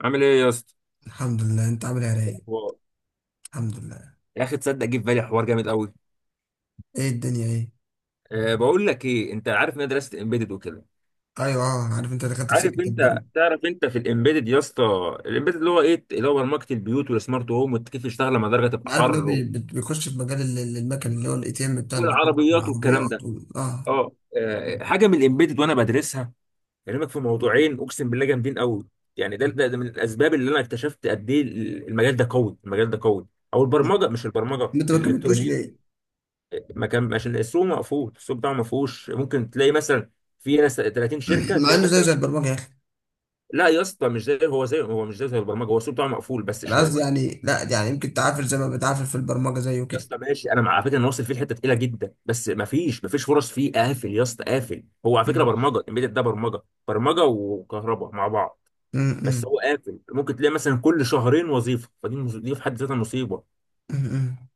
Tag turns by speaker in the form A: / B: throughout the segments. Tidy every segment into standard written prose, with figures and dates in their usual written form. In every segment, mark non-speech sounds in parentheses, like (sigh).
A: عامل ايه يا اسطى؟
B: الحمد لله. انت عامل ايه يا رايق؟
A: هو-
B: الحمد لله.
A: يا اخي تصدق جه في بالي حوار جامد قوي.
B: ايه الدنيا ايه؟
A: بقول لك ايه، انت عارف ان انا درست امبيدد وكده.
B: ايوه انا عارف انت دخلت في
A: عارف
B: سكه
A: انت
B: البرمجه.
A: تعرف انت في الامبيدد يا اسطى؟ الامبيدد اللي هو ايه، اللي هو برمجه البيوت والسمارت هوم، وكيف تشتغل لما الدرجه تبقى
B: انا عارف ان هو
A: حر
B: بيخش في مجال المكن اللي هو الاي تي ام بتاع البنوك
A: والعربيات والكلام
B: والعربيات
A: ده.
B: وال... اه
A: حاجه من الامبيدد وانا بدرسها. كلامك في موضوعين اقسم بالله جامدين قوي. يعني ده,
B: م-
A: ده ده من الاسباب اللي انا اكتشفت قد ايه المجال ده قوي، المجال ده قوي. او
B: م.
A: البرمجه، مش البرمجه،
B: انت ما كملتوش
A: الالكترونيات.
B: ليه؟ (clears throat)
A: ما كان عشان السوق مقفول، السوق بتاعه ما فيهوش. ممكن تلاقي مثلا في ناس 30 شركه،
B: مع
A: تلاقي
B: انه زي
A: مثلا.
B: زي البرمجه يا اخي.
A: لا يا اسطى، مش زي هو زي هو مش زي البرمجه. هو السوق بتاعه مقفول بس
B: انا
A: شويه.
B: قصدي يعني، لا يعني يمكن تعافر زي ما بتعافر في البرمجه زيه
A: يا
B: كده.
A: اسطى ماشي، انا مع على فكره انا واصل فيه لحته تقيله جدا، بس ما فيش فرص، فيه قافل يا اسطى، قافل. هو على فكره
B: م-
A: برمجه embedded ده برمجه، برمجه وكهرباء مع بعض.
B: م-
A: بس
B: م-
A: هو قافل، ممكن تلاقي مثلا كل شهرين وظيفه، دي في حد ذاتها مصيبه.
B: م.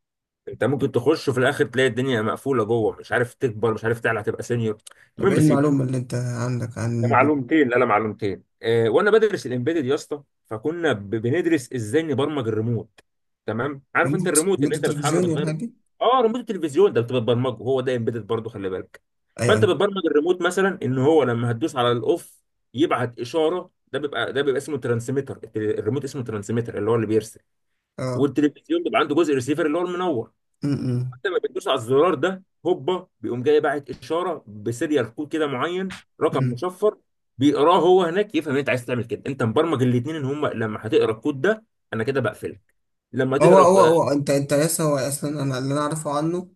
A: انت ممكن تخش وفي الاخر تلاقي الدنيا مقفوله جوه، مش عارف تكبر، مش عارف تعلى، هتبقى سينيور.
B: طب ايه
A: المهم سيب.
B: المعلومه اللي انت عندك
A: ده
B: عن
A: معلومتين، لا لا، معلومتين. وانا بدرس الامبيدد يا اسطى، فكنا بندرس ازاي نبرمج الريموت. تمام، عارف انت
B: ريموت؟
A: الريموت اللي
B: ريموت
A: انت بتحرك
B: التلفزيون والحاجات
A: بتغير؟
B: دي؟
A: اه، ريموت التلفزيون ده بتبرمجه، هو ده امبيدد برضه، خلي بالك.
B: ايوه
A: فانت
B: ايوه
A: بتبرمج الريموت مثلا ان هو لما هتدوس على الاوف يبعت اشاره. ده بيبقى اسمه ترانسميتر، الريموت اسمه ترانسميتر اللي هو اللي بيرسل.
B: اه
A: والتلفزيون بيبقى عنده جزء ريسيفر اللي هو المنور.
B: م-
A: لما بتدوس على الزرار ده، هوبا، بيقوم جاي باعت اشاره بسيريال كود كده معين، رقم
B: م.
A: مشفر. بيقراه هو هناك، يفهم ان انت عايز تعمل كده. انت مبرمج الاثنين ان هم لما هتقرا الكود ده. انا كده بقفلك. لما
B: هو
A: تقرا ك-
B: هو هو انت لسه، هو اصلا انا اللي انا اعرفه عنه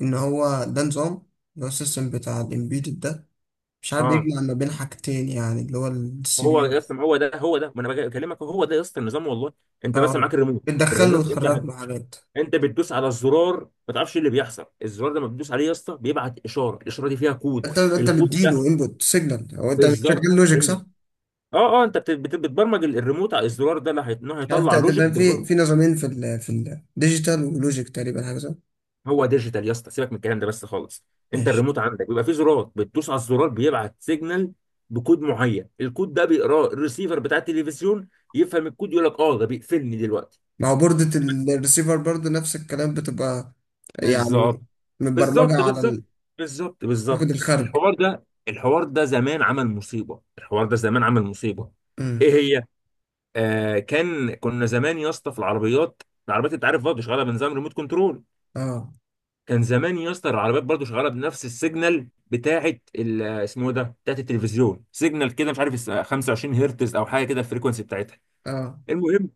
B: ان هو ده نظام، اللي هو السيستم بتاع الامبيدد ده، مش عارف،
A: اه،
B: بيجمع ما بين حاجتين يعني، اللي هو السي بي
A: هو
B: يو.
A: يا اسطى ما هو ده، ما انا بكلمك، هو ده يا اسطى النظام والله. انت مثلا
B: اه.
A: معاك الريموت،
B: بتدخله
A: الريموت انت.
B: وتخرج له حاجات.
A: انت بتدوس على الزرار ما تعرفش إيه اللي بيحصل. الزرار ده لما بتدوس عليه يا اسطى بيبعت اشاره، الاشاره دي فيها كود.
B: انت
A: الكود ده،
B: بتديله انبوت سيجنال او انت
A: بالظبط.
B: بتشغل لوجيك صح؟
A: اه اه، انت بتبرمج الريموت على الزرار ده اللي إنه
B: مش عارف
A: هيطلع لوجيك
B: تقدر، في
A: بالربط.
B: نظامين في ال في الديجيتال ولوجيك تقريبا حاجه صح؟
A: هو ديجيتال يا اسطى، سيبك من الكلام ده بس خالص. انت
B: ماشي.
A: الريموت عندك بيبقى فيه زرار، بتدوس على الزرار بيبعت سيجنال بكود معين. الكود ده بيقراه الريسيفر بتاع التلفزيون، يفهم الكود، يقول لك اه ده بيقفلني دلوقتي.
B: ما هو بوردة الريسيفر برضه نفس الكلام بتبقى يعني
A: بالظبط، بالظبط،
B: متبرمجه على
A: بالظبط، بالظبط،
B: تاخد
A: بالظبط.
B: الخرج.
A: الحوار ده، الحوار ده زمان عمل مصيبه، الحوار ده زمان عمل مصيبه. ايه
B: امم.
A: هي؟ آه، كنا زمان يا اسطى في العربيات. العربيات انت عارف برضه شغاله بنظام ريموت كنترول.
B: اه
A: كان زمان يا اسطى العربيات برضه شغاله بنفس السيجنال بتاعه اسمه ده بتاعه التلفزيون، سيجنال كده مش عارف 25 هرتز او حاجه كده الفريكونسي بتاعتها.
B: اه.
A: المهم،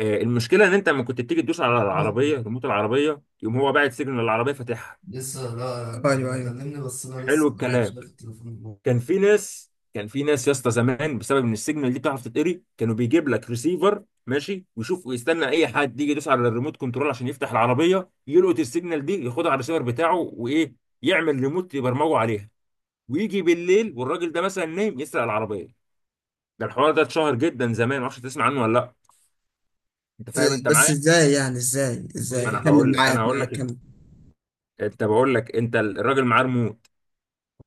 A: المشكله ان انت لما كنت بتيجي تدوس على العربيه ريموت العربيه، يقوم هو باعت سيجنال، العربيه فاتحها.
B: ايوه ايوه.
A: حلو
B: عارف.
A: الكلام. كان في ناس يا اسطى زمان بسبب ان السيجنال دي بتعرف تتقري، كانوا بيجيب لك ريسيفر ماشي ويشوف ويستنى اي حد يجي يدوس على الريموت كنترول عشان يفتح العربيه، يلقط السيجنال دي، ياخدها على الريسيفر بتاعه، وايه، يعمل ريموت يبرمجه عليها، ويجي بالليل والراجل ده مثلا نايم يسرق العربيه. ده الحوار ده اتشهر جدا زمان، معرفش تسمع عنه ولا لا. انت فاهم،
B: إزاي-
A: انت
B: بس
A: معايا؟
B: ازاي يعني؟ ازاي
A: ما
B: ازاي كمل.
A: انا
B: معاك
A: هقول لك
B: معاك،
A: إيه.
B: كمل.
A: انت بقول لك انت الراجل معاه ريموت،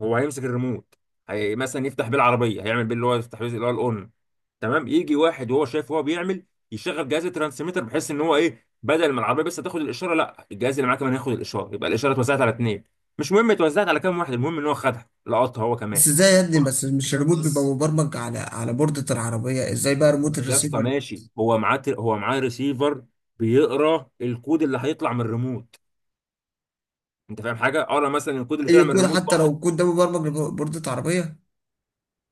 A: هو هيمسك الريموت، هي مثلا يفتح بيه العربيه، هيعمل بيه اللي هو يفتح بيه اللي هو الاون. تمام. يجي واحد وهو شايف وهو بيعمل، يشغل جهاز الترانسميتر بحيث ان هو ايه، بدل ما العربيه بس تاخد الاشاره، لا، الجهاز اللي معاه كمان ياخد الاشاره، يبقى الاشاره اتوزعت على اتنين. مش مهم اتوزعت على كام واحد، المهم ان هو خدها، لقطها هو كمان.
B: بس ازاي يا ابني؟ بس مش كده، الريموت بيبقى مبرمج على على بوردة العربية، ازاي بقى ريموت
A: يا اسطى
B: الريسيفر؟
A: ماشي، هو معاه ريسيفر، بيقرا الكود اللي هيطلع من الريموت. انت فاهم حاجه؟ اقرا مثلا الكود اللي طلع
B: اي
A: من
B: كود
A: الريموت
B: حتى لو
A: واحد.
B: الكود ده مبرمج لبوردة عربية.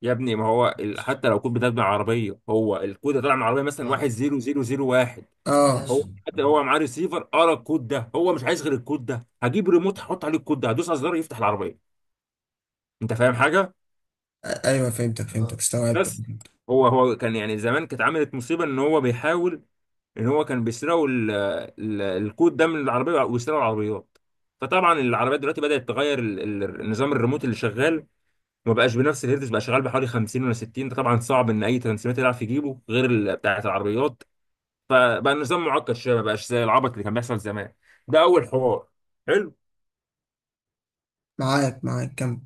A: يا ابني، ما هو ال... حتى لو الكود بتاعك من العربيه، هو الكود اللي طلع من العربيه مثلا 10001،
B: اه.
A: هو حتى هو معاه ريسيفر قرا الكود ده، هو مش عايز غير الكود ده، هجيب ريموت هحط عليه الكود ده هدوس على الزرار يفتح العربيه. انت فاهم حاجه؟
B: ايوه فهمتك اه، استوعبت.
A: بس. هو كان يعني زمان كانت عملت مصيبه ان هو بيحاول، ان هو كان بيسرقوا الكود ده من العربيه ويسرقوا العربيات. فطبعا العربيات دلوقتي بدات تغير النظام الريموت اللي شغال، ما بقاش بنفس الهيرتز، بقى شغال بحوالي 50 ولا 60. ده طبعا صعب ان اي ترانسميتر يعرف يجيبه غير بتاعه العربيات. فبقى النظام معقد شويه، ما بقاش زي العبط اللي كان بيحصل زمان. ده اول حوار. حلو.
B: معاك معاك، كمل.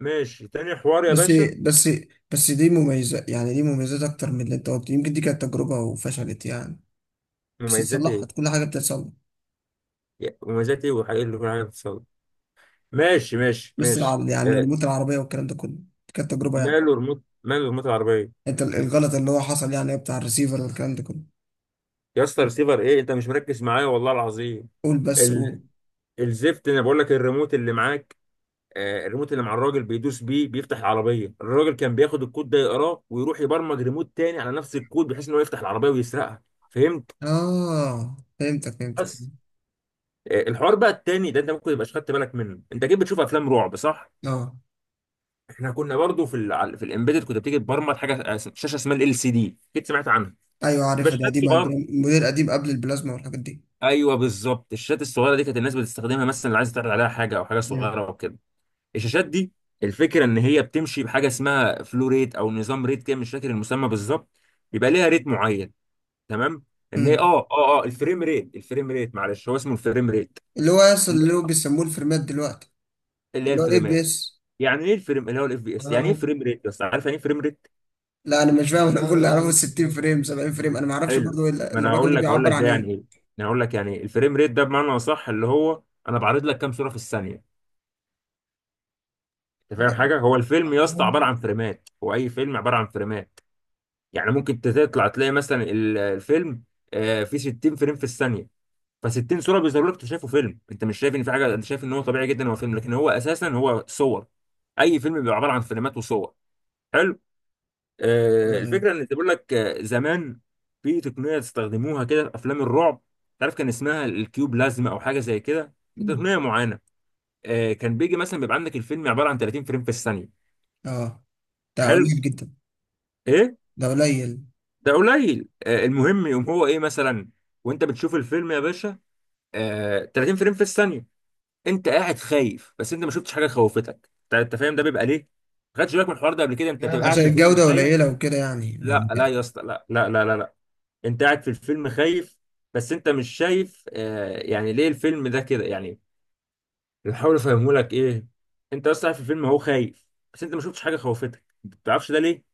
A: ماشي، تاني حوار يا
B: بس
A: باشا.
B: بس بس دي مميزة، يعني دي مميزات اكتر من اللي انت قلت، يمكن دي كانت تجربة وفشلت يعني. بس
A: مميزات ايه؟
B: اتصلحت، كل حاجة بتتصلح.
A: مميزات ايه وحاجات اللي كل حاجه بتتصور. ماشي، ماشي،
B: لسه
A: ماشي.
B: العرض يعني ريموت العربية والكلام ده كله، كانت تجربة يعني.
A: ماله ريموت، ماله ريموت العربيه.
B: انت الغلط اللي هو حصل يعني بتاع الريسيفر والكلام ده كله.
A: يا اسطى ريسيفر ايه، انت مش مركز معايا والله العظيم.
B: قول بس قول.
A: ال... الزفت، انا بقول لك الريموت اللي معاك. آه، الريموت اللي مع الراجل بيدوس بيه بيفتح العربيه، الراجل كان بياخد الكود ده يقراه ويروح يبرمج ريموت تاني على نفس الكود بحيث ان هو يفتح العربيه ويسرقها. فهمت؟
B: اه فهمتك
A: بس. آه، الحوار بقى التاني ده انت ممكن تبقاش خدت بالك منه. انت اكيد بتشوف افلام رعب، صح؟
B: اه.
A: احنا كنا برضو في الامبيدد كنت بتيجي تبرمج حاجه، شاشه اسمها LCD، اكيد سمعت عنها.
B: ايوه
A: تبقى
B: عارفها، دي
A: شاشات
B: قديمة،
A: صغيره.
B: قديم، موديل قديم قبل البلازما والحاجات دي.
A: ايوه، بالظبط، الشاشات الصغيره دي كانت الناس بتستخدمها مثلا اللي عايز تعرض عليها حاجه او حاجه
B: مم.
A: صغيره وكده. الشاشات دي، الفكره ان هي بتمشي بحاجه اسمها فلو ريت او نظام ريت كده، مش فاكر المسمى بالظبط. بيبقى ليها ريت معين. تمام. ان هي
B: مم.
A: الفريم ريت، الفريم ريت، معلش، هو اسمه الفريم ريت.
B: اللي هو يصل، اللي هو بيسموه الفريمات دلوقتي،
A: اللي هي
B: اللي هو اف بي
A: الفريمات.
B: اس.
A: يعني ايه الفريم اللي هو الFPS، يعني ايه فريم ريت؟ بس عارف يعني ايه فريم ريت؟
B: لا انا مش فاهم، انا بقول اللي اعرفه 60 فريم 70 فريم، انا ما اعرفش
A: حلو،
B: برضه
A: ما انا
B: الرقم ده
A: هقول
B: بيعبر
A: لك
B: عن
A: ده
B: ايه؟
A: يعني ايه. انا هقول لك يعني إيه. الفريم ريت ده بمعنى اصح اللي هو، انا بعرض لك كام صوره في الثانيه. انت فاهم حاجه؟
B: ب-
A: هو الفيلم يا اسطى عباره عن فريمات، هو اي فيلم عباره عن فريمات. يعني ممكن تطلع تلاقي مثلا الفيلم فيه 60 فريم في الثانيه. ف 60 صوره بيظهروا لك، انت شايفه فيلم، انت مش شايف ان في حاجه، انت شايف ان هو طبيعي جدا، هو فيلم، لكن هو اساسا هو صور. اي فيلم بيبقى عباره عن فريمات وصور. حلو.
B: ب-
A: الفكره ان بيقول لك زمان في تقنيه استخدموها كده في افلام الرعب. تعرف كان اسمها الكيوب لازمه، او حاجه زي كده،
B: مم.
A: تقنيه معينه. كان بيجي مثلا بيبقى عندك الفيلم عباره عن 30 فريم في الثانيه.
B: اه، ده
A: حلو،
B: قليل جدا.
A: ايه،
B: ده قليل.
A: ده قليل. المهم، يقوم هو ايه مثلا، وانت بتشوف الفيلم يا باشا 30 فريم في الثانيه، انت قاعد خايف بس انت ما شفتش حاجه خوفتك. أنت فاهم ده بيبقى ليه؟ ما خدتش بالك من الحوار ده قبل كده. انت بتبقى قاعد
B: عشان
A: في الفيلم
B: الجودة
A: خايف.
B: قليلة وكده يعني؟
A: لا لا يا اسطى، لا، لا، لا، لا، لا. انت قاعد في الفيلم خايف، بس انت مش شايف يعني ليه الفيلم ده كده يعني؟ بحاول افهمه لك ايه. انت اصلا قاعد في الفيلم، هو خايف، بس انت ما شفتش حاجه خوفتك، ما بتعرفش ده ليه،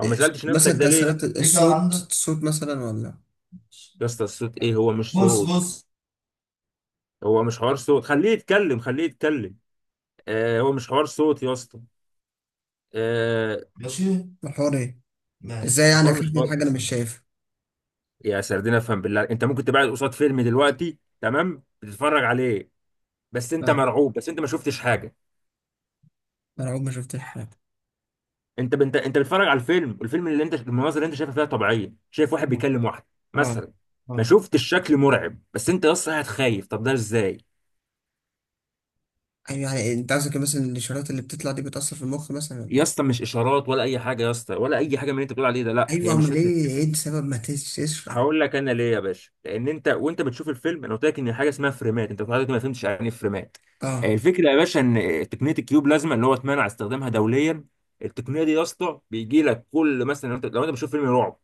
A: او ما سالتش نفسك
B: مثلا
A: ده ليه.
B: تأثيرات ليك الصوت؟ الصوت مثلا ولا؟
A: يا اسطى الصوت ايه، هو مش صوت، هو مش حوار صوت، خليه يتكلم، خليه يتكلم. آه، هو مش حوار صوت يا اسطى. آه.
B: الحوار ايه؟ ازاي يعني
A: الحوار
B: اخاف
A: مش
B: من
A: حوار،
B: حاجة انا مش شايفها؟
A: يا سردين افهم بالله. انت ممكن تبعد قصاد فيلم دلوقتي، تمام، بتتفرج عليه، بس انت
B: اه،
A: مرعوب، بس انت ما شفتش حاجه.
B: انا عمري ما شفت حاجة.
A: انت بتتفرج على الفيلم، والفيلم اللي انت المناظر اللي انت شايفها فيها طبيعيه، شايف واحد
B: اه
A: بيكلم واحد
B: اه
A: مثلا، ما
B: اه.
A: شفتش شكل مرعب، بس انت يا اسطى قاعد خايف، طب ده ازاي؟
B: ايوه يعني انت قصدك مثلا الاشارات اللي بتطلع دي بتأثر في المخ مثلا ولا
A: يا
B: ايه؟
A: اسطى مش اشارات ولا اي حاجه، يا اسطى ولا اي حاجه من اللي انت بتقول عليه ده، لا،
B: ايوه،
A: هي مش
B: امال
A: فكره.
B: ايه، ايه السبب؟ ما تس- تشرح.
A: هقول لك انا ليه يا باشا، لان انت وانت بتشوف الفيلم، انا قلت لك ان حاجه اسمها فريمات، انت لحضرتك ما فهمتش يعني ايه فريمات.
B: اه
A: الفكره يا باشا ان تقنيه الكيوب لازمه اللي هو اتمنع استخدامها دوليا. التقنيه دي يا اسطى بيجي لك كل مثلا، لو انت بتشوف فيلم رعب،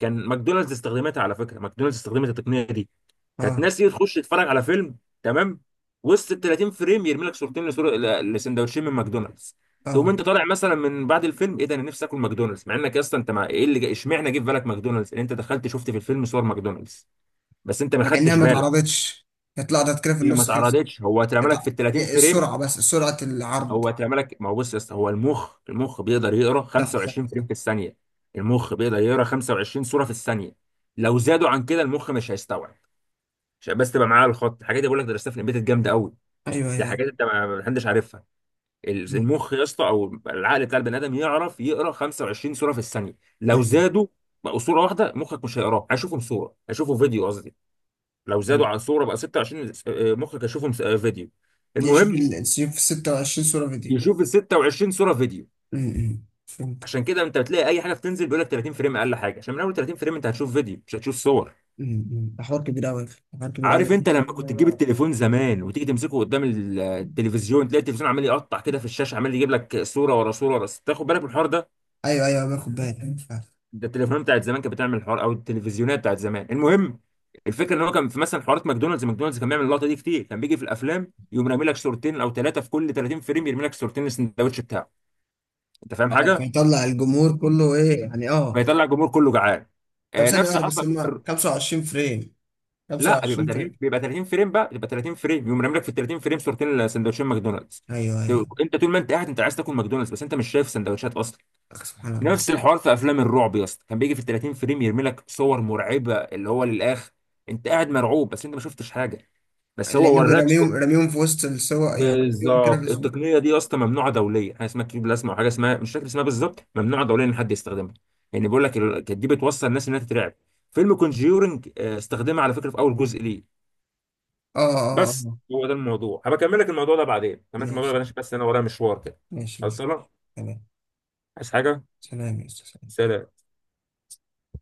A: كان ماكدونالدز استخدمتها، على فكره، ماكدونالدز استخدمت التقنيه دي. كانت
B: اه
A: ناس تيجي تخش تتفرج على فيلم. تمام. وسط ال 30 فريم يرمي لك صورتين لسندوتشين من ماكدونالدز. تقوم
B: اه.
A: انت طالع مثلا من بعد الفيلم، ايه ده، انا نفسي اكل ماكدونالدز، مع انك اصلا انت مع ايه اللي اشمعنى جه في بالك ماكدونالدز؟ ان انت دخلت شفت في الفيلم صور ماكدونالدز، بس انت ما
B: مع انها
A: خدتش
B: ما
A: بالك.
B: اتعرضتش، هي طلعت كده في
A: هي ما
B: النص كده.
A: اتعرضتش، هو اترمى لك
B: اتع-
A: في ال 30
B: هي
A: فريم،
B: السرعة، بس سرعة العرض.
A: هو اترمى لك. ما هو بص يا اسطى، هو المخ، بيقدر يقرا
B: صح صح.
A: 25 فريم في الثانيه. المخ بيقدر يقرا 25 صوره في الثانيه. لو زادوا عن كده المخ مش هيستوعب. عشان بس تبقى معاه الخط، الحاجات دي بقول لك درستها في البيت الجامده قوي،
B: ايوه
A: دي
B: ايوه،
A: حاجات
B: أيوة.
A: انت ما حدش عارفها.
B: مم.
A: المخ يا اسطى، او العقل بتاع البني ادم، يعرف يقرا 25 صوره في الثانيه. لو
B: مم.
A: زادوا بقوا صوره واحده، مخك مش هيقراها، هيشوفهم صوره، هيشوفوا فيديو قصدي. لو زادوا
B: مم.
A: عن صوره بقى 26، مخك هيشوفهم فيديو.
B: يعني شوف
A: المهم
B: في 26 صورة فيديو.
A: يشوف ال 26 صوره فيديو.
B: امم، فهمت.
A: عشان كده انت بتلاقي اي حاجه بتنزل بيقول لك 30 فريم اقل حاجه، عشان من اول 30 فريم انت هتشوف فيديو، مش هتشوف صور.
B: امم، ده حوار كبير قوي، حوار كبير قوي.
A: عارف انت لما كنت تجيب التليفون زمان وتيجي تمسكه قدام التلفزيون، تلاقي التلفزيون عمال يقطع كده في الشاشه، عمال يجيب لك صوره ورا صوره ورا، تاخد بالك من الحوار ده؟
B: ايوه ايوه، أيوه، باخد بالي
A: ده التليفونات بتاعت زمان كانت بتعمل الحوار، او التلفزيونات بتاعت زمان. المهم، الفكره ان هو كان في مثلا حوارات ماكدونالدز، ماكدونالدز كان بيعمل اللقطه دي كتير، كان بيجي في الافلام يقوم رامي لك صورتين او ثلاثه، في كل 30 فريم يرمي لك صورتين السندوتش بتاعه. انت فاهم
B: اه.
A: حاجه؟
B: فيطلع الجمهور كله ايه يعني؟ اه.
A: فيطلع الجمهور كله جعان،
B: طب
A: آه،
B: ثانيه
A: نفس
B: واحده، بس
A: حرفه
B: هم
A: بيبقى.
B: 25 فريم؟
A: لا، بيبقى
B: 25
A: 30،
B: فريم؟
A: بيبقى 30 فريم بقى، بيبقى 30 فريم يقوم رامي لك في ال 30 فريم صورتين سندوتشين ماكدونالدز.
B: ايوه ايوه.
A: انت طول ما انت قاعد انت عايز تاكل ماكدونالدز، بس انت مش شايف سندوتشات اصلا.
B: أخ، سبحان الله.
A: نفس الحوار في افلام الرعب يا اسطى، كان بيجي في ال 30 فريم يرمي لك صور مرعبه اللي هو للاخ، انت قاعد مرعوب بس انت ما شفتش حاجه، بس هو
B: لانه
A: وراك
B: بيرميهم،
A: صور.
B: رميهم في وسط السوا يعني، يوم كده
A: بالظبط،
B: بس.
A: التقنيه دي يا اسطى ممنوعه دوليا، حاجه اسمها كيو بلازما وحاجه اسمها مش فاكر اسمها بالظبط، ممنوعه دوليا ان حد يستخدمها. يعني بيقول لك كانت دي بتوصل الناس انها تترعب. فيلم كونجيورنج استخدمها، على فكره، في اول جزء ليه.
B: اه اه
A: بس
B: اه.
A: هو ده الموضوع، هبكمل لك الموضوع ده
B: ماشي
A: بعدين عشان بس انا ورايا مشوار كده.
B: ماشي ماشي.
A: خلصانه.
B: تمام.
A: عايز حاجه؟
B: سلام يا استاذ.
A: سلام.